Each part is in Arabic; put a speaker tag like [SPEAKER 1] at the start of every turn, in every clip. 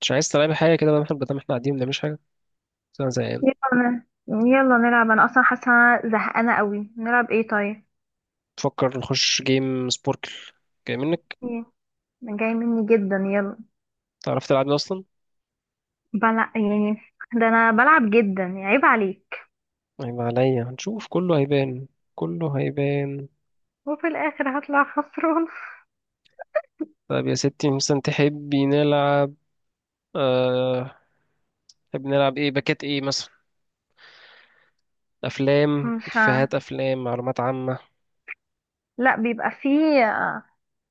[SPEAKER 1] مش عايز تلعب حاجة كده بقى؟ احنا قاعدين ما بنعملش حاجة، بس أنا زهقان.
[SPEAKER 2] يلا يلا نلعب، انا اصلا حاسه أنا زهقانه قوي. نلعب ايه طيب؟
[SPEAKER 1] بفكر نخش جيم سبوركل. جاي منك؟
[SPEAKER 2] ايه؟ أنا جاي مني جدا، يلا.
[SPEAKER 1] تعرف تلعب ده أصلا؟
[SPEAKER 2] بلع يعني؟ ده انا بلعب جدا يعني، عيب عليك.
[SPEAKER 1] هيبقى عليا، هنشوف كله هيبان، كله هيبان.
[SPEAKER 2] وفي الاخر هطلع خسران.
[SPEAKER 1] طب يا ستي، مثلا تحبي نلعب؟ أه... تحبي نلعب ايه؟ باكات ايه مثلا؟ أفلام،
[SPEAKER 2] مش ه...
[SPEAKER 1] إفيهات أفلام، معلومات عامة؟
[SPEAKER 2] لا بيبقى فيه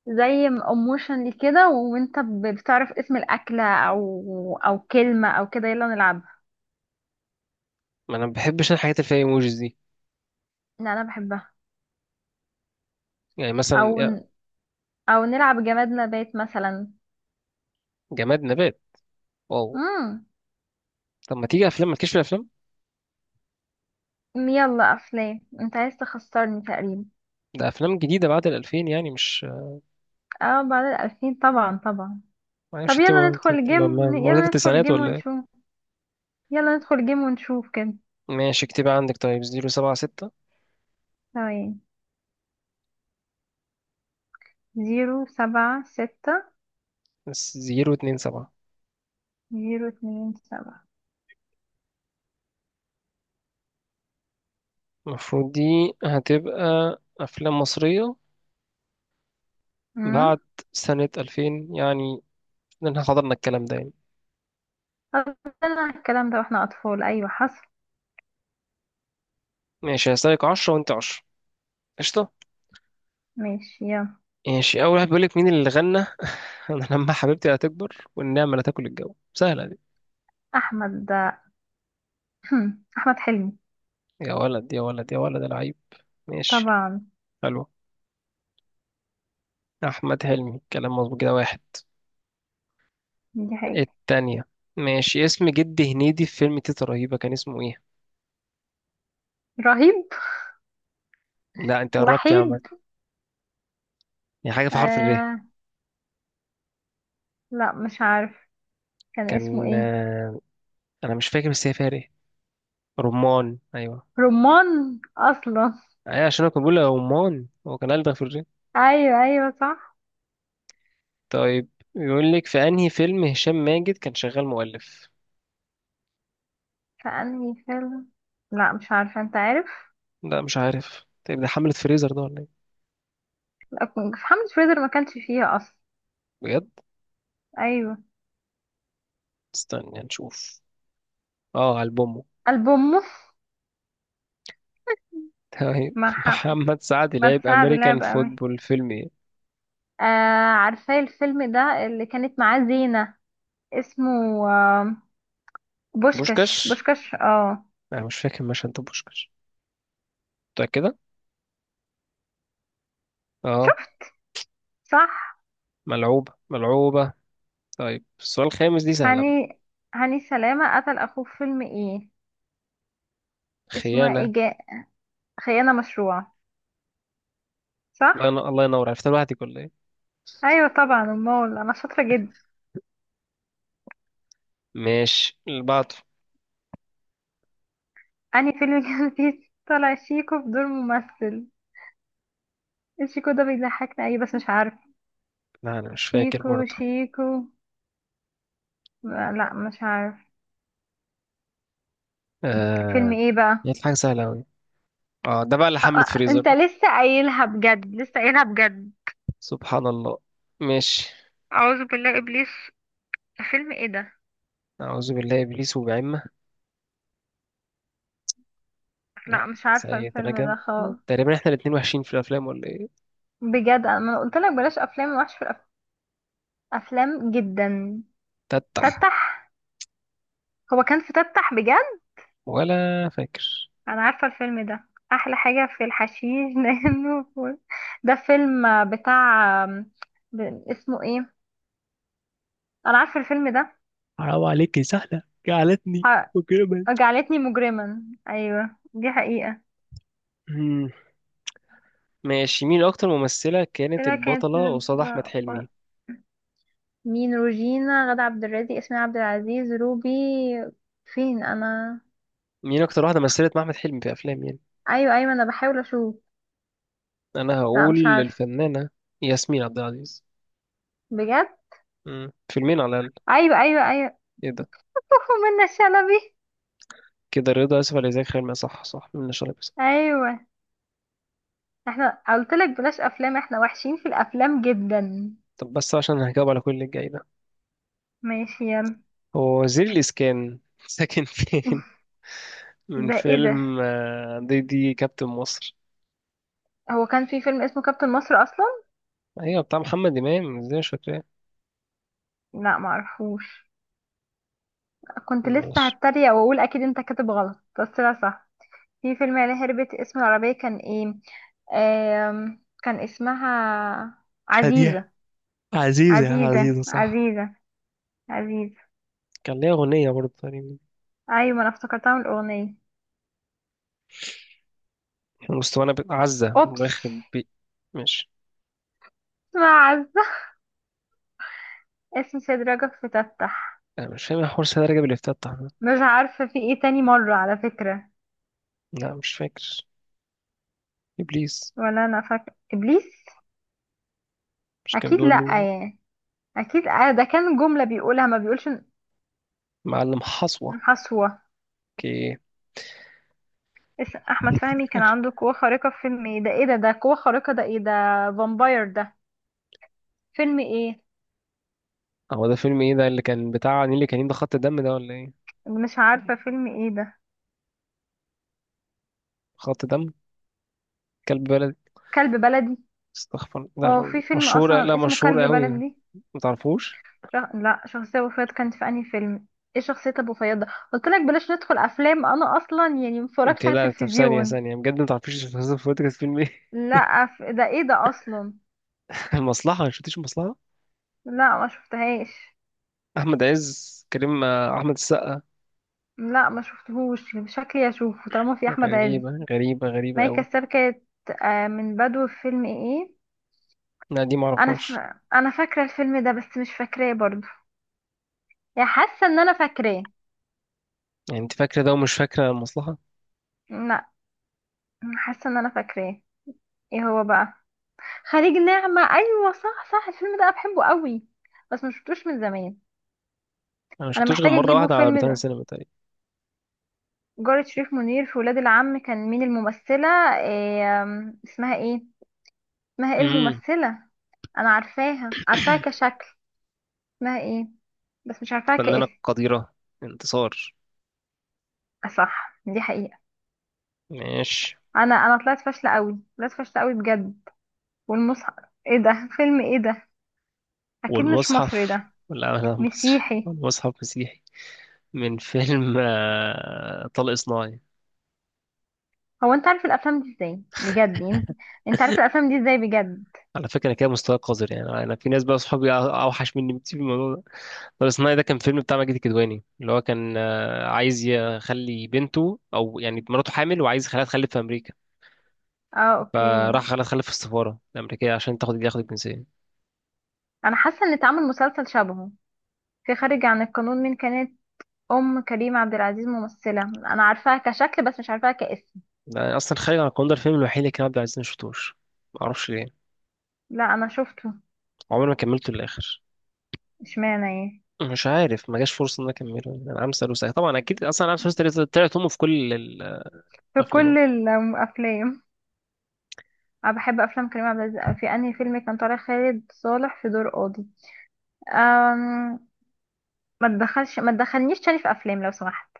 [SPEAKER 2] زي اموشن كده، وانت بتعرف اسم الاكله او كلمه او كده، يلا نلعبها.
[SPEAKER 1] ما أنا ما بحبش أنا الحاجات اللي فيها ايموجيز دي.
[SPEAKER 2] لا انا بحبها.
[SPEAKER 1] يعني مثلا
[SPEAKER 2] او
[SPEAKER 1] يا
[SPEAKER 2] ن- او نلعب جماد نبات مثلا.
[SPEAKER 1] جماد نبات، واو.
[SPEAKER 2] امم
[SPEAKER 1] طب ما تيجي أفلام، ما تكشف الأفلام.
[SPEAKER 2] يلا افلام، انت عايز تخسرني تقريبا.
[SPEAKER 1] ده أفلام جديدة بعد الألفين يعني، مش
[SPEAKER 2] اه، بعد 2000 طبعا طبعا.
[SPEAKER 1] معرفش،
[SPEAKER 2] طب
[SPEAKER 1] انت
[SPEAKER 2] يلا
[SPEAKER 1] انت-
[SPEAKER 2] ندخل
[SPEAKER 1] انت-
[SPEAKER 2] جيم،
[SPEAKER 1] مولودة في
[SPEAKER 2] يلا ندخل
[SPEAKER 1] التسعينات
[SPEAKER 2] جيم
[SPEAKER 1] ولا؟
[SPEAKER 2] ونشوف، يلا ندخل جيم ونشوف كده.
[SPEAKER 1] ماشي، اكتبها عندك، طيب زيرو سبعة ستة.
[SPEAKER 2] ثواني. 076.
[SPEAKER 1] بس زيرو اتنين سبعة.
[SPEAKER 2] 027.
[SPEAKER 1] المفروض دي هتبقى أفلام مصرية بعد
[SPEAKER 2] امم
[SPEAKER 1] سنة ألفين يعني، لأن احنا حضرنا الكلام ده يعني.
[SPEAKER 2] قلنا الكلام ده واحنا أطفال، أيوة حصل.
[SPEAKER 1] ماشي، هسألك عشرة وأنت عشرة، قشطة.
[SPEAKER 2] ماشي يلا.
[SPEAKER 1] ماشي، أول واحد، بيقولك مين اللي غنى أنا لما حبيبتي هتكبر والنعمة لا تاكل الجو؟ سهلة دي.
[SPEAKER 2] أحمد ده. أحمد حلمي.
[SPEAKER 1] يا ولد يا ولد يا ولد العيب، ماشي،
[SPEAKER 2] طبعا.
[SPEAKER 1] حلو، أحمد حلمي كلام مظبوط، كده واحد.
[SPEAKER 2] دي حقيقة.
[SPEAKER 1] التانية، ماشي، اسم جد هنيدي في فيلم تيتا رهيبة كان اسمه إيه؟
[SPEAKER 2] رهيب.
[SPEAKER 1] لا أنت قربت يا عم،
[SPEAKER 2] وحيد.
[SPEAKER 1] يعني حاجة في حرف الر.
[SPEAKER 2] آه، لا مش عارف، كان اسمه
[SPEAKER 1] كان
[SPEAKER 2] ايه؟
[SPEAKER 1] أنا مش فاكر بس هي فيها ر. رمان، أيوة.
[SPEAKER 2] رمان أصلا.
[SPEAKER 1] أيوة عشان أنا كنت بقول له رمان، هو كان ألدغ في الر.
[SPEAKER 2] أيوة أيوة صح.
[SPEAKER 1] طيب، يقول لك في أنهي فيلم هشام ماجد كان شغال مؤلف؟
[SPEAKER 2] في انهي فيلم؟ لا مش عارفه، انت عارف؟
[SPEAKER 1] لا مش عارف، طيب ده حملة فريزر ده ولا إيه؟
[SPEAKER 2] لا، في. حملة فريزر ما كانش فيها اصلا.
[SPEAKER 1] بجد؟
[SPEAKER 2] ايوه.
[SPEAKER 1] استنى نشوف، اه ألبومه.
[SPEAKER 2] البوموس.
[SPEAKER 1] طيب،
[SPEAKER 2] مع حم...
[SPEAKER 1] محمد سعد
[SPEAKER 2] ما
[SPEAKER 1] لعب
[SPEAKER 2] تساعد لا
[SPEAKER 1] أمريكان
[SPEAKER 2] بقى مي.
[SPEAKER 1] فوتبول فيلم إيه؟
[SPEAKER 2] آه، عارفه الفيلم ده اللي كانت معاه زينة. اسمه. آه. بوشكش
[SPEAKER 1] بوشكاش.
[SPEAKER 2] بوشكش اه.
[SPEAKER 1] أنا مش فاكر مشهد ده بوشكاش. متأكدة؟ اه.
[SPEAKER 2] شفت. صح.
[SPEAKER 1] ملعوبة ملعوبة. طيب السؤال الخامس دي سهلة.
[SPEAKER 2] هاني. هاني سلامة قتل اخوه في فيلم ايه؟ اسمه
[SPEAKER 1] خيانة.
[SPEAKER 2] ايه خيانة مشروعة. صح.
[SPEAKER 1] الله ينور، الله ينور. عرفتها لوحدك ولا ايه؟
[SPEAKER 2] ايوه طبعا المول، انا شاطرة جدا.
[SPEAKER 1] ماشي، اللي بعده.
[SPEAKER 2] انهي فيلم كان فيه طلع شيكو بدور ممثل؟ شيكو ده بيضحكني، ايه بس مش عارف.
[SPEAKER 1] لا انا مش فاكر
[SPEAKER 2] شيكو
[SPEAKER 1] برضه.
[SPEAKER 2] شيكو. لا مش عارف. فيلم
[SPEAKER 1] آه
[SPEAKER 2] ايه بقى؟
[SPEAKER 1] جت حاجه سهله قوي. اه ده بقى اللي حمله فريزر.
[SPEAKER 2] انت لسه قايلها بجد، لسه قايلها بجد.
[SPEAKER 1] سبحان الله. ماشي.
[SPEAKER 2] اعوذ بالله ابليس. فيلم ايه ده؟
[SPEAKER 1] اعوذ بالله ابليس وبعمه. لا.
[SPEAKER 2] لا مش عارفه
[SPEAKER 1] سيد
[SPEAKER 2] الفيلم
[SPEAKER 1] رجب.
[SPEAKER 2] ده خالص.
[SPEAKER 1] تقريبا احنا الاتنين وحشين في الافلام ولا ايه؟
[SPEAKER 2] بجد انا قلت لك بلاش افلام، افلام جدا.
[SPEAKER 1] تتح.
[SPEAKER 2] تتح. هو كان في تتح بجد؟
[SPEAKER 1] ولا فاكر.
[SPEAKER 2] انا عارفه الفيلم ده، احلى حاجه في الحشيش لانه فول. ده فيلم بتاع. اسمه ايه؟ انا عارفه الفيلم ده.
[SPEAKER 1] حرام عليك، يا سهلة جعلتني مجرما.
[SPEAKER 2] جعلتني مجرما. ايوه دي حقيقة.
[SPEAKER 1] مم. ماشي، مين اكتر ممثله كانت
[SPEAKER 2] كده كانت.
[SPEAKER 1] البطله قصاد احمد حلمي؟
[SPEAKER 2] مين؟ روجينا، غادة عبد الرازق، ياسمين عبد العزيز، روبي؟ فين انا؟
[SPEAKER 1] مين اكتر واحده مثلت مع احمد حلمي في افلام يعني؟
[SPEAKER 2] ايوه ايوه انا بحاول اشوف.
[SPEAKER 1] انا
[SPEAKER 2] لا
[SPEAKER 1] هقول
[SPEAKER 2] مش عارف.
[SPEAKER 1] للفنانه ياسمين عبد العزيز.
[SPEAKER 2] بجد؟
[SPEAKER 1] فيلمين على الاقل.
[SPEAKER 2] ايوه ايوه ايوه.
[SPEAKER 1] ايه ده؟
[SPEAKER 2] منى شلبي.
[SPEAKER 1] كده رضا، اسف، على ازيك، خير ما صح، صح من شرب بس.
[SPEAKER 2] ايوه. احنا قلت لك بلاش افلام، احنا وحشين في الافلام جدا.
[SPEAKER 1] طب بس عشان هجاوب على كل اللي جاي ده.
[SPEAKER 2] ماشي يلا.
[SPEAKER 1] هو وزير الاسكان ساكن فين؟ من
[SPEAKER 2] ده ايه ده؟
[SPEAKER 1] فيلم دي كابتن مصر.
[SPEAKER 2] هو كان في فيلم اسمه كابتن مصر اصلا؟
[SPEAKER 1] ايوه بتاع محمد امام، ازاي مش فاكراه؟
[SPEAKER 2] لا معرفوش. كنت لسه
[SPEAKER 1] ماشي.
[SPEAKER 2] هتريق واقول اكيد انت كاتب غلط، بس لا صح. في فيلم اللي هربت، اسم العربية كان ايه؟ كان اسمها
[SPEAKER 1] شادية.
[SPEAKER 2] عزيزة.
[SPEAKER 1] عزيزة، يا
[SPEAKER 2] عزيزة
[SPEAKER 1] عزيزة صح.
[SPEAKER 2] عزيزة. عزيزة.
[SPEAKER 1] كان ليها أغنية برضه تقريبا.
[SPEAKER 2] ايوه ما انا افتكرتها من الاغنية.
[SPEAKER 1] مستوانا عزة
[SPEAKER 2] اوبس.
[SPEAKER 1] ويخرب بي. ماشي.
[SPEAKER 2] اسمها عزة. اسم سيد رجب فتتح.
[SPEAKER 1] أنا مش فاهم إيه حوار سيدة رجب اللي افتتح ده.
[SPEAKER 2] مش عارفة، في ايه تاني مرة على فكرة.
[SPEAKER 1] لا مش فاكر. إبليس.
[SPEAKER 2] ولا انا فاكرة ابليس.
[SPEAKER 1] مش كان
[SPEAKER 2] اكيد
[SPEAKER 1] بيقول
[SPEAKER 2] لا.
[SPEAKER 1] له
[SPEAKER 2] يعني اكيد ده كان جملة بيقولها، ما بيقولش
[SPEAKER 1] معلم
[SPEAKER 2] إن
[SPEAKER 1] حصوة؟
[SPEAKER 2] حسوة.
[SPEAKER 1] اوكي.
[SPEAKER 2] احمد فهمي كان عنده قوة خارقة في فيلم ايه؟ ده ايه ده؟ ده قوة خارقة ده، ايه ده؟ فامباير ده. فيلم ايه؟
[SPEAKER 1] هو ده فيلم ايه ده اللي كان بتاع نيلي؟ كان ده خط دم ده ولا ايه؟
[SPEAKER 2] مش عارفة فيلم ايه ده.
[SPEAKER 1] خط دم. كلب بلدي.
[SPEAKER 2] كلب بلدي.
[SPEAKER 1] استغفر،
[SPEAKER 2] هو
[SPEAKER 1] لا
[SPEAKER 2] في فيلم
[SPEAKER 1] مشهورة، لا
[SPEAKER 2] اصلا اسمه
[SPEAKER 1] مشهورة
[SPEAKER 2] كلب
[SPEAKER 1] قوي.
[SPEAKER 2] بلدي؟
[SPEAKER 1] ما تعرفوش.
[SPEAKER 2] لا شخصية ابو فؤاد كانت في انهي فيلم؟ ايه شخصية ابو فؤاد ده؟ قلت لك بلاش ندخل افلام، انا اصلا يعني
[SPEAKER 1] انت
[SPEAKER 2] متفرجش على
[SPEAKER 1] لا، طب ثانية
[SPEAKER 2] التلفزيون.
[SPEAKER 1] ثانية بجد، ما تعرفيش فاصل فوت كانت فيلم ايه؟
[SPEAKER 2] لا ف... ده ايه ده اصلا؟
[SPEAKER 1] المصلحة، ما شفتيش المصلحة؟
[SPEAKER 2] لا ما شفتهاش.
[SPEAKER 1] احمد عز، كريم، احمد السقا.
[SPEAKER 2] لا ما شفتهوش، شكلي اشوفه طالما في احمد عز.
[SPEAKER 1] غريبة، غريبة، غريبة
[SPEAKER 2] مي
[SPEAKER 1] قوي.
[SPEAKER 2] كساب كانت. من بدو فيلم ايه؟
[SPEAKER 1] لا دي ما
[SPEAKER 2] انا ف...
[SPEAKER 1] اعرفهاش.
[SPEAKER 2] انا فاكرة الفيلم ده بس مش فاكراه برضه، يعني حاسة ان انا فاكراه.
[SPEAKER 1] يعني انت فاكرة ده ومش فاكرة المصلحة.
[SPEAKER 2] لا. حاسة ان انا فاكراه. ايه هو بقى؟ خليج نعمة. ايوه صح صح. الفيلم ده انا بحبه قوي بس ما شفتوش من زمان.
[SPEAKER 1] انا ما
[SPEAKER 2] انا
[SPEAKER 1] شفتوش غير
[SPEAKER 2] محتاجة
[SPEAKER 1] مرة
[SPEAKER 2] اجيبه
[SPEAKER 1] واحدة على
[SPEAKER 2] فيلم.
[SPEAKER 1] روتانا سينما تقريبا.
[SPEAKER 2] جارة شريف منير في ولاد العم، كان مين الممثلة؟ إيه اسمها ايه؟ اسمها ايه
[SPEAKER 1] امم،
[SPEAKER 2] الممثلة؟ انا عارفاها عارفاها كشكل، اسمها ايه؟ بس مش عارفاها
[SPEAKER 1] فنانة
[SPEAKER 2] كاسم.
[SPEAKER 1] قديرة، انتصار.
[SPEAKER 2] صح، دي حقيقة.
[SPEAKER 1] ماشي.
[SPEAKER 2] انا طلعت فاشلة قوي، طلعت فاشلة قوي بجد. والمصحف. ايه ده؟ فيلم ايه ده؟ اكيد مش مصري
[SPEAKER 1] والمصحف؟
[SPEAKER 2] ده.
[SPEAKER 1] ولا، لا مصري.
[SPEAKER 2] مسيحي.
[SPEAKER 1] والمصحف مسيحي. من فيلم طلق صناعي.
[SPEAKER 2] هو انت عارف الافلام دي ازاي بجد يعني؟ انت عارف الافلام دي ازاي بجد؟
[SPEAKER 1] على فكرة أنا كده مستواي قذر، يعني أنا في ناس بقى صحابي أوحش مني بكتير في الموضوع ده. طلق صناعي ده كان فيلم بتاع ماجد الكدواني، اللي هو كان عايز يخلي بنته، أو يعني مراته حامل، وعايز يخليها تخلف في أمريكا.
[SPEAKER 2] اه
[SPEAKER 1] فراح
[SPEAKER 2] اوكي.
[SPEAKER 1] خلاها تخلف في السفارة الأمريكية عشان تاخد الجنسية.
[SPEAKER 2] انا حاسه ان اتعمل مسلسل شبهه. في خارج عن القانون مين كانت ام كريم عبد العزيز؟ ممثله انا عارفاها كشكل بس مش عارفاها كاسم.
[SPEAKER 1] ده أصلا خارج عن القانون، ده الفيلم الوحيد اللي كان عبد العزيز ما شفتوش، معرفش ليه،
[SPEAKER 2] لا انا شفته.
[SPEAKER 1] عمري ما كملته للآخر.
[SPEAKER 2] اشمعنى ايه؟
[SPEAKER 1] مش عارف ما جاش فرصه ان انا اكمله يعني. انا عم سالوسة، طبعا اكيد اصلا عم سالوسة طلعت امه في كل
[SPEAKER 2] في
[SPEAKER 1] الافلام.
[SPEAKER 2] كل الافلام. انا بحب افلام كريم عبد العزيز. في انهي فيلم كان طالع خالد صالح في دور قاضي؟ أم... ما تدخلش، ما تدخلنيش تاني في افلام لو سمحت،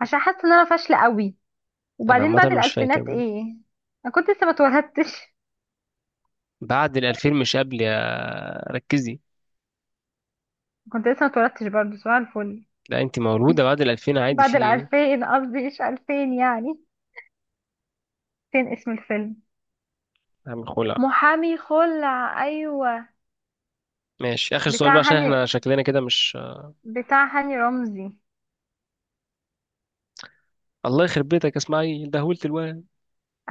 [SPEAKER 2] عشان حاسه ان انا فاشله قوي.
[SPEAKER 1] انا
[SPEAKER 2] وبعدين،
[SPEAKER 1] عامه
[SPEAKER 2] بعد
[SPEAKER 1] مش فاكر
[SPEAKER 2] الالفينات
[SPEAKER 1] من.
[SPEAKER 2] ايه؟ انا كنت لسه ما اتولدتش.
[SPEAKER 1] بعد ال 2000 مش قبل، يا ركزي.
[SPEAKER 2] كنت لسه ما اتولدتش برضه. سؤال الفل.
[SPEAKER 1] لا انت مولوده بعد ال 2000 عادي،
[SPEAKER 2] بعد
[SPEAKER 1] في ايه؟
[SPEAKER 2] الألفين قصدي، مش ألفين يعني. فين اسم الفيلم؟
[SPEAKER 1] عم خلع.
[SPEAKER 2] محامي خلع. أيوة.
[SPEAKER 1] ماشي، اخر سؤال بقى
[SPEAKER 2] بتاع
[SPEAKER 1] عشان
[SPEAKER 2] هاني.
[SPEAKER 1] احنا شكلنا كده مش...
[SPEAKER 2] بتاع هاني رمزي.
[SPEAKER 1] الله يخرب بيتك، اسمعي دهولت الواد،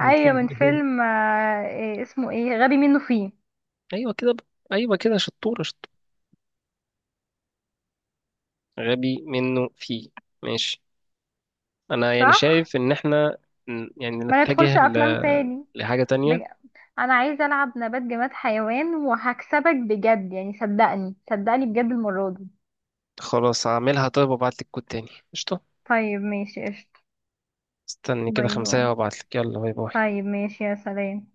[SPEAKER 1] من فيلم.
[SPEAKER 2] من فيلم إيه اسمه، ايه غبي منه فيه.
[SPEAKER 1] ايوه كده بقى. ايوه كده، شطوره شطوره، غبي منه فيه. ماشي. انا يعني
[SPEAKER 2] صح.
[SPEAKER 1] شايف ان احنا يعني
[SPEAKER 2] ما
[SPEAKER 1] نتجه
[SPEAKER 2] ندخلش أفلام تاني.
[SPEAKER 1] لحاجه
[SPEAKER 2] بج...
[SPEAKER 1] تانية.
[SPEAKER 2] أنا عايزة ألعب نبات جماد حيوان وهكسبك بجد يعني، صدقني صدقني بجد المرة دي.
[SPEAKER 1] خلاص هعملها، طيب وابعتلك كود تاني، قشطة.
[SPEAKER 2] طيب ماشي قشطة.
[SPEAKER 1] استني كده
[SPEAKER 2] باي باي.
[SPEAKER 1] خمسة وابعتلك، يلا باي باي.
[SPEAKER 2] طيب ماشي، يا سلام.